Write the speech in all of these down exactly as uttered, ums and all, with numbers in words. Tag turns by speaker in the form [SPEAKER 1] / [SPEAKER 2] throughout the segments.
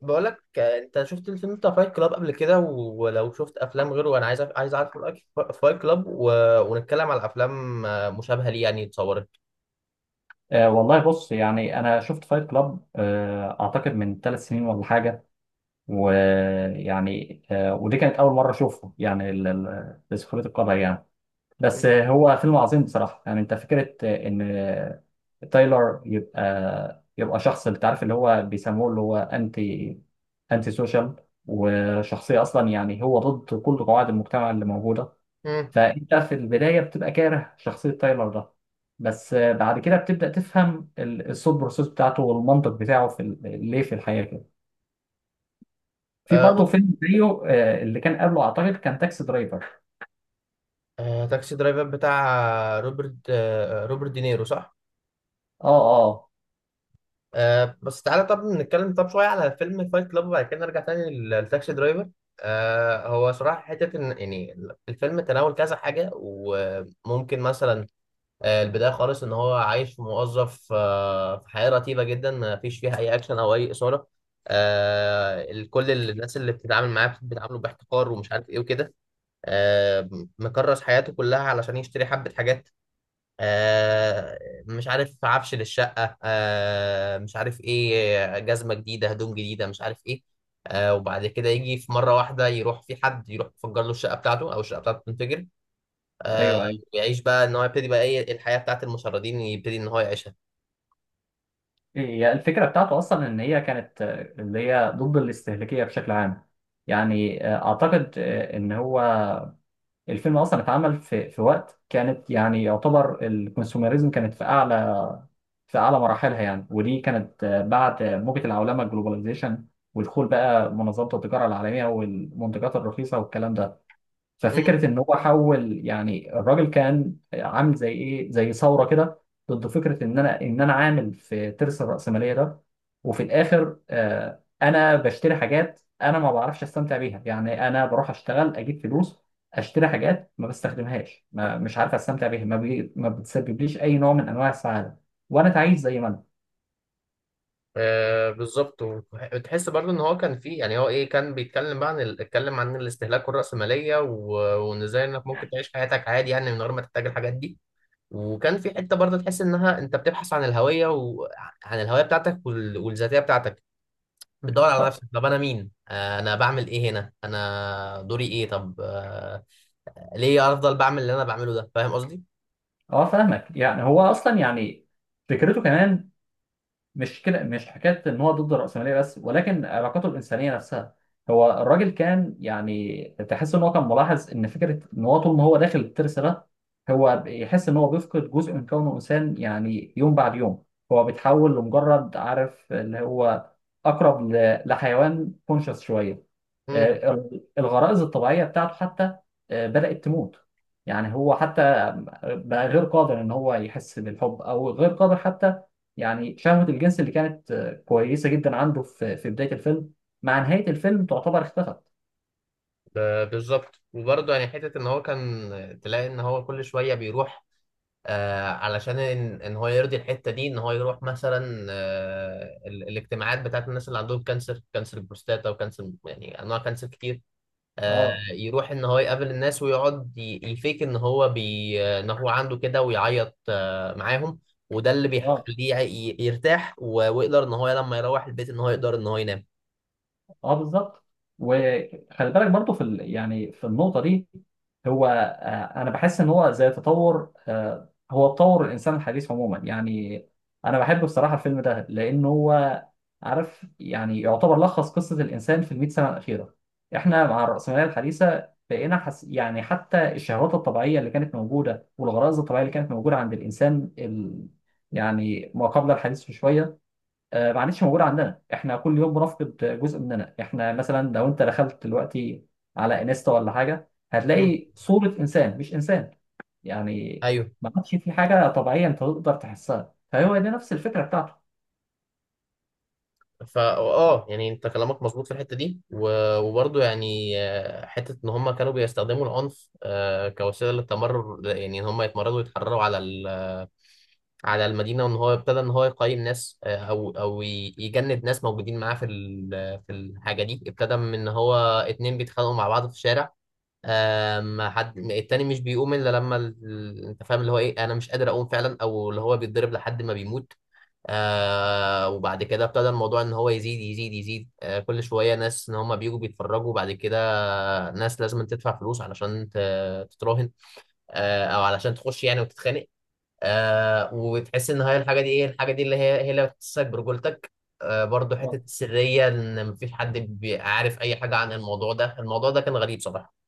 [SPEAKER 1] بقولك آه، انت شفت الفيلم بتاع فايت كلاب قبل كده و- ولو شفت افلام غيره انا عايز أف- عايز اعرف رايك في فايت كلاب و... ونتكلم على افلام آه، مشابهه ليه يعني اتصورت.
[SPEAKER 2] آه والله بص، يعني انا شفت فايت كلاب آه اعتقد من ثلاث سنين ولا حاجه. ويعني آه ودي كانت اول مره اشوفه، يعني ال- ال- لسخريه القدر يعني. بس آه هو فيلم عظيم بصراحه. يعني انت فكره آه، ان آه، تايلر يبقى يبقى شخص، انت عارف اللي هو بيسموه، اللي هو انتي انتي سوشيال. وشخصيه اصلا، يعني هو ضد كل قواعد المجتمع اللي موجوده.
[SPEAKER 1] مم.
[SPEAKER 2] فانت في البدايه بتبقى كاره شخصيه تايلر ده، بس آه، بعد كده بتبدا تفهم ال- الثوت بروسيس بتاعته والمنطق بتاعه في ال- ليه في الحياه كده. في
[SPEAKER 1] آه،
[SPEAKER 2] برضه فيلم زيه، آه، اللي كان قبله اعتقد كان تاكسي درايفر.
[SPEAKER 1] آه، تاكسي درايفر بتاع روبرت آه، روبرت دينيرو صح؟
[SPEAKER 2] اه، اه.
[SPEAKER 1] آه، بس تعالى طب نتكلم طب شويه على فيلم فايت كلاب وبعد كده نرجع تاني لل- لتاكسي درايفر. آه، هو صراحه حته ان يعني الفيلم تناول كذا حاجه وممكن مثلا آه، البداية خالص إن هو عايش موظف آه، في حياة رتيبة جدا ما فيش فيها أي أكشن أو أي إثارة. آه، ال- كل ال- الناس اللي بتتعامل معاه بتتعامله باحتقار ومش عارف إيه وكده. آه، مكرس حياته كلها علشان يشتري حبة حاجات. آه، مش عارف عفش للشقة، آه، مش عارف إيه، جزمة جديدة، هدوم جديدة، مش عارف إيه. آه، وبعد كده يجي في مرة واحدة يروح في حد يروح يفجر له الشقة بتاعته أو الشقة بتاعته تنفجر. آه
[SPEAKER 2] ايوه، ايوه.
[SPEAKER 1] ويعيش بقى ان هو يبتدي بقى ايه الحياه بتاعت المشردين يبتدي ان هو يعيشها.
[SPEAKER 2] هي الفكره بتاعته اصلا ان هي كانت آه، اللي هي ضد الاستهلاكيه بشكل عام. يعني آه، اعتقد آه، ان هو الفيلم اصلا اتعمل في في وقت كانت، يعني يعتبر الكونسوميريزم كانت في اعلى في اعلى مراحلها يعني. ودي كانت آه، بعد آه، موجة العولمه الجلوباليزيشن، ودخول بقى منظمه التجاره العالميه والمنتجات الرخيصه والكلام ده.
[SPEAKER 1] امم.
[SPEAKER 2] ففكره ان هو حول، يعني الراجل كان عامل زي ايه، زي ثوره كده، ضد فكره ان انا ان انا عامل في ترس الراسماليه ده. وفي الاخر آه، انا بشتري حاجات انا ما بعرفش استمتع بيها. يعني انا بروح اشتغل اجيب فلوس، اشتري حاجات ما بستخدمهاش، ما مش عارف استمتع بيها، ما, بي... ما بتسببليش اي نوع من انواع السعاده، وانا تعيس زي ما انا.
[SPEAKER 1] آه بالظبط، وتحس برضو ان هو كان فيه، يعني هو ايه، كان بيتكلم بقى عن ال- اتكلم عن الاستهلاك والرأسمالية و- وان ازاي انك ممكن تعيش حياتك عادي يعني من غير ما تحتاج الحاجات دي. وكان في حته برضه تحس انها انت بتبحث عن الهويه وعن الهويه بتاعتك وال- والذاتيه بتاعتك، بتدور على
[SPEAKER 2] اه.
[SPEAKER 1] نفسك. طب انا مين؟ آه، انا بعمل ايه هنا؟ انا دوري ايه؟ طب آه، ليه افضل بعمل اللي انا بعمله ده؟ فاهم قصدي؟
[SPEAKER 2] آه، فاهمك. يعني هو اصلا، يعني فكرته كمان مش كده، مش حكايه ان هو ضد الراسماليه بس، ولكن علاقاته الانسانيه نفسها. هو الراجل كان، يعني تحس ان هو كان ملاحظ ان فكره ان هو طول ما هو داخل الترس ده، هو يحس ان هو بيفقد جزء من كونه انسان يعني، يوم بعد يوم. هو بيتحول لمجرد، عارف اللي هو، اقرب ل- لحيوان كونشس شويه. آه، الغرائز الطبيعية بتاعته حتى آه، بدأت تموت. يعني هو حتى بقى غير قادر ان هو يحس بالحب، او غير قادر حتى، يعني شهوة الجنس اللي كانت آه، كويسة جدا عنده في في بداية الفيلم، مع نهاية الفيلم تعتبر اختفت.
[SPEAKER 1] ب- بالظبط. وبرضه يعني حتة إن هو كان تلاقي إن هو كل شوية بيروح، آه علشان إن, إن هو يرضي الحتة دي، إن هو يروح مثلا آه ال- الاجتماعات بتاعت الناس اللي عندهم كانسر، كانسر البروستاتا وكانسر، يعني أنواع كانسر كتير. آه
[SPEAKER 2] اه،
[SPEAKER 1] يروح إن هو يقابل الناس ويقعد ي- يفيك إن هو بي إن هو عنده كده ويعيط آه معاهم، وده اللي
[SPEAKER 2] اه.
[SPEAKER 1] بيخليه ي- يرتاح و- ويقدر إن هو لما يروح البيت إن هو يقدر إن هو ينام.
[SPEAKER 2] اه، بالظبط. وخلي بالك برضو في ال... يعني في النقطه دي، هو آه، انا بحس ان هو زي تطور آه، هو تطور الانسان الحديث عموما يعني. انا بحب بصراحه الفيلم ده لان هو، عارف، يعني يعتبر لخص قصه الانسان في ال مية سنه الاخيره. احنا مع الراسماليه الحديثه بقينا حس... يعني حتى الشهوات الطبيعيه اللي كانت موجوده والغرائز الطبيعيه اللي كانت موجوده عند الانسان ال... يعني ما قبل الحديث بشويه، آه، ما عادتش موجوده عندنا. احنا كل يوم بنفقد جزء مننا. احنا مثلا لو انت دخلت دلوقتي على انستا ولا حاجه،
[SPEAKER 1] مم.
[SPEAKER 2] هتلاقي صوره انسان مش انسان. يعني
[SPEAKER 1] أيوه.
[SPEAKER 2] ما عادش في حاجه طبيعيه انت تقدر تحسها، فهو دي نفس الفكره بتاعته
[SPEAKER 1] فا اه، يعني انت كلامك مظبوط في الحته دي، و- وبرضه يعني آه، حته ان هم كانوا بيستخدموا العنف آه، كوسيله للتمرر، يعني ان هم يتمردوا ويتحرروا على ال- على المدينه. وان هو ابتدى ان هو يقيم ناس آه، او او ي- يجند ناس موجودين معاه في ال- في الحاجه دي. ابتدى من ان هو اتنين بيتخانقوا مع بعض في الشارع، آه، ما حد التاني مش بيقوم الا لما ال- انت فاهم اللي هو ايه، انا مش قادر اقوم فعلا، او اللي هو بيتضرب لحد ما بيموت. آه وبعد كده ابتدى الموضوع ان هو يزيد يزيد يزيد، آه كل شويه ناس ان هم بيجوا بيتفرجوا، بعد كده ناس لازم تدفع فلوس علشان ت- تتراهن، آه او علشان تخش يعني وتتخانق. آه وتحس ان هي الحاجه دي، ايه الحاجه دي اللي هي، هي اللي بتحسسك برجولتك. آه برضه حته
[SPEAKER 2] آه.
[SPEAKER 1] السريه، ان مفيش حد بي- عارف اي حاجه عن الموضوع ده. الموضوع ده كان غريب صراحه.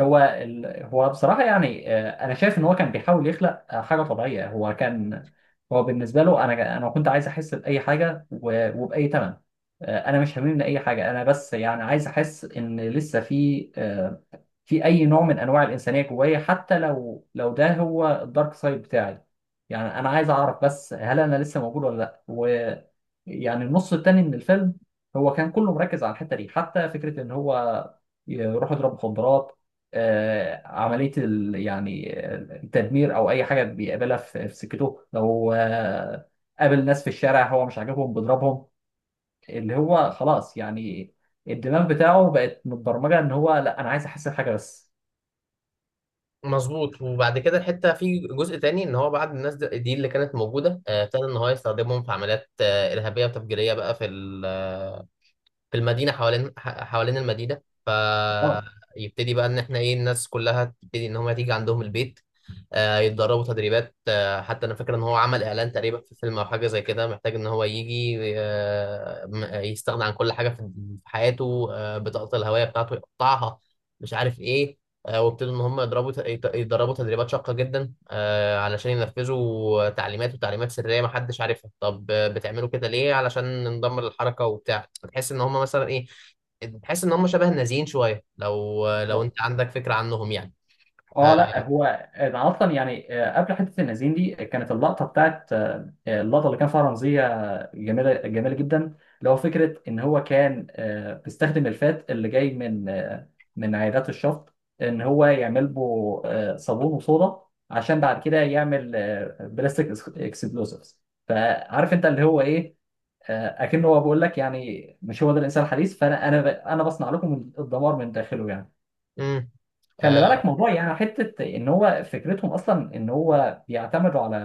[SPEAKER 2] هو ال... هو بصراحة، يعني آه، أنا شايف إن هو كان بيحاول يخلق آه، حاجة طبيعية. هو كان، هو بالنسبة له، أنا أنا كنت عايز أحس بأي حاجة و... وبأي تمن. آه، أنا مش هاممني أي حاجة، أنا بس يعني عايز أحس إن لسه في آه، في اي نوع من انواع الانسانيه جوايا، حتى لو لو ده هو الدارك سايد بتاعي. يعني انا عايز اعرف بس، هل انا لسه موجود ولا لا؟ ويعني النص التاني من الفيلم هو كان كله مركز على الحته دي، حتى فكره ان هو يروح يضرب مخدرات، آه، عمليه ال... يعني التدمير، او اي حاجه بيقابلها في في سكته. لو آه، قابل ناس في الشارع هو مش عاجبهم بيضربهم. اللي هو خلاص، يعني الدماغ بتاعه بقت متبرمجه ان هو، لا، انا عايز احس بحاجه بس.
[SPEAKER 1] مظبوط. وبعد كده الحته في جزء تاني ان هو بعد الناس د- دي اللي كانت موجوده، آه، ابتدى ان هو يستخدمهم في عمليات آه، ارهابيه وتفجيريه بقى في ال- آه، في المدينه، حوالين ح- حوالين المدينه.
[SPEAKER 2] اه،
[SPEAKER 1] فيبتدي بقى ان احنا ايه، الناس كلها تبتدي ان هم تيجي عندهم البيت، آه، يتدربوا تدريبات. آه، حتى انا فاكر ان هو عمل اعلان تقريبا في فيلم او حاجه زي كده، محتاج ان هو يجي آه، م- آه، يستغنى عن كل حاجه في في حياته، آه، بطاقه الهويه بتاعته يقطعها، مش عارف ايه. آه، وابتدوا ان هم يضربوا ت- يت- يتدربوا تدريبات شاقه جدا، آه، علشان ينفذوا تعليمات وتعليمات سريه ما حدش عارفها. طب آه، بتعملوا كده ليه؟ علشان ندمر الحركه وبتاع. تحس ان هم مثلا ايه، تحس ان هم شبه النازيين شويه، لو لو
[SPEAKER 2] بالظبط.
[SPEAKER 1] انت عندك فكره عنهم يعني.
[SPEAKER 2] اه. لا هو ده اصلا، يعني آه، قبل حته النازين دي، كانت اللقطه بتاعت آه، اللقطه اللي كان فيها رمزيه جميله، جميله جدا، اللي هو فكره ان هو كان آه، بيستخدم الفات اللي جاي من آه، من عيادات الشفط، ان هو يعمل له آه، صابون وصودا، عشان بعد كده يعمل آه، بلاستيك اكسبلوسيفز. فعارف انت اللي هو ايه، آه، اكنه هو بيقول لك، يعني مش هو ده الانسان الحديث، فانا انا انا بصنع لكم الدمار من داخله يعني.
[SPEAKER 1] امم.
[SPEAKER 2] خلي بالك موضوع، يعني حته ان هو فكرتهم اصلا ان هو بيعتمدوا على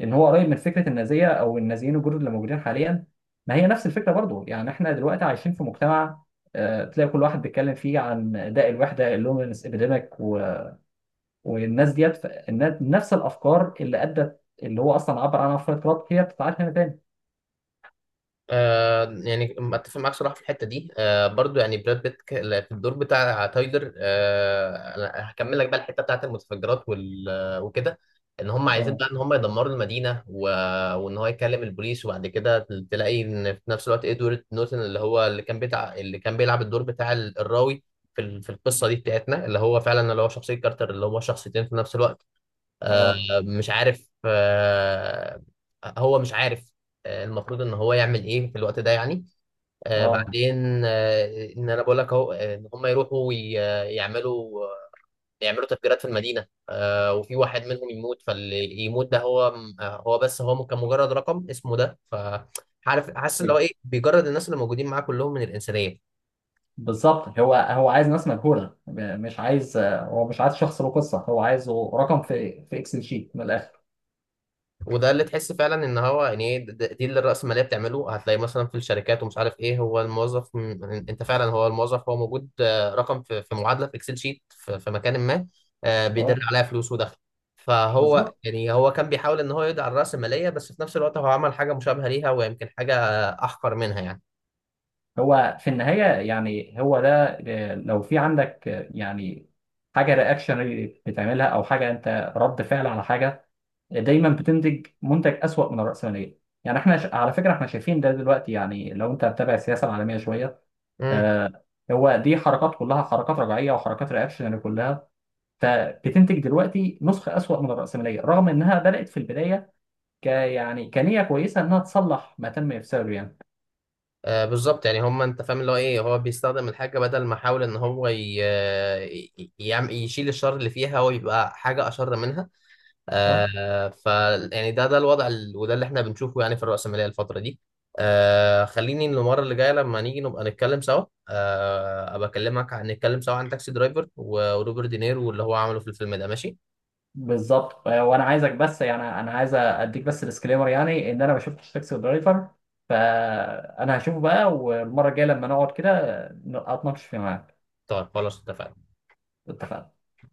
[SPEAKER 2] ان هو قريب من فكره النازيه، او النازيين الجدد اللي موجودين حاليا. ما هي نفس الفكره برضو، يعني احنا دلوقتي عايشين في مجتمع آه، تلاقي كل واحد بيتكلم فيه عن داء الوحده، اللومينس ابيديميك، والناس ديت، ف- النا- نفس الافكار اللي ادت، اللي هو اصلا عبر عنها فريد كلارك، هي بتتعاد هنا تاني.
[SPEAKER 1] آه يعني اتفق معاك صراحه في الحته دي. آه برضو يعني براد بيت ك- لا، في الدور بتاع تايلر، آه أنا هكمل لك بقى الحته بتاعت المتفجرات وال آه، وكده. ان هم عايزين
[SPEAKER 2] اه،
[SPEAKER 1] بقى ان هم يدمروا المدينه و... وان هو يكلم البوليس. وبعد كده تلاقي ان في نفس الوقت ادوارد نورتن اللي هو اللي كان بتاع اللي كان بيلعب الدور بتاع ال- الراوي في ال- في القصه دي بتاعتنا، اللي هو فعلا اللي هو شخصيه كارتر، اللي هو شخصيتين في نفس الوقت.
[SPEAKER 2] اه،
[SPEAKER 1] مش عارف آه، هو مش عارف، آه، المفروض ان هو يعمل ايه في الوقت ده يعني. آه،
[SPEAKER 2] اه،
[SPEAKER 1] بعدين آه، ان انا بقول لك اهو، آه، ان هم يروحوا وي- يعملوا يعملوا تفجيرات في المدينه، آه، وفي واحد منهم يموت، فاللي يموت ده هو آه، هو بس هو كان مجرد رقم اسمه ده. ف عارف حاسس اللي هو ايه، بيجرد الناس اللي موجودين معاه كلهم من الانسانيه.
[SPEAKER 2] بالظبط. هو هو عايز ناس مجهوله، م- مش عايز هو مش عايز شخص له قصه، هو عايزه رقم في في اكسل شيت من الاخر.
[SPEAKER 1] وده اللي تحس فعلا ان هو يعني ايه د- دي اللي الرأسمالية بتعمله. هتلاقي مثلا في الشركات ومش عارف ايه هو الموظف، م- انت فعلا هو الموظف هو موجود آه، رقم في في معادلة في اكسل شيت في في مكان ما، آه، بيدر
[SPEAKER 2] اه،
[SPEAKER 1] عليها فلوس ودخل. فهو
[SPEAKER 2] بالظبط.
[SPEAKER 1] يعني هو كان بيحاول ان هو يدعي على الرأسمالية، بس في نفس الوقت هو عمل حاجة مشابهة ليها، ويمكن حاجة آه، احقر منها يعني.
[SPEAKER 2] هو في النهايه، يعني هو ده، آه، لو في عندك آه، يعني حاجه رياكشن بتعملها، او حاجه انت رد فعل على حاجه، دايما بتنتج منتج اسوأ من الرأسماليه. يعني احنا ش- على فكره احنا شايفين ده دلوقتي، يعني لو انت متابع السياسه العالميه شويه،
[SPEAKER 1] امم.
[SPEAKER 2] آه، هو دي حركات كلها، حركات رجعيه وحركات رياكشن كلها، فبتنتج دلوقتي نسخة أسوأ من الرأسمالية، رغم إنها بدأت في البداية ك يعني كنية كويسة إنها تصلح ما تم إفساده يعني.
[SPEAKER 1] آه بالظبط. يعني هم انت فاهم اللي هو ايه، هو بيستخدم الحاجه، بدل ما يحاول ان هو ي... آه، ي- يعم- يشيل الشر اللي فيها، هو يبقى حاجه اشر منها.
[SPEAKER 2] أه،
[SPEAKER 1] آه ف يعني ده ده الوضع ال... وده اللي احنا بنشوفه يعني في الرأسمالية الفترة دي. آه خليني المرة اللي جاية لما نيجي نبقى نتكلم سوا، آه ابقى اكلمك عن نتكلم سوا عن تاكسي درايفر و- وروبرت دينيرو واللي هو عمله في الفيلم ده، ماشي؟
[SPEAKER 2] بالظبط. آه، وأنا عايزك، بس يعني أنا عايز أديك بس ديسكليمر، يعني إن أنا ما شفتش تاكسي درايفر، فأنا هشوفه بقى، والمرة الجاية لما نقعد كده آه، أتناقش فيه معاك.
[SPEAKER 1] طيب خلاص اتفقنا.
[SPEAKER 2] اتفقنا.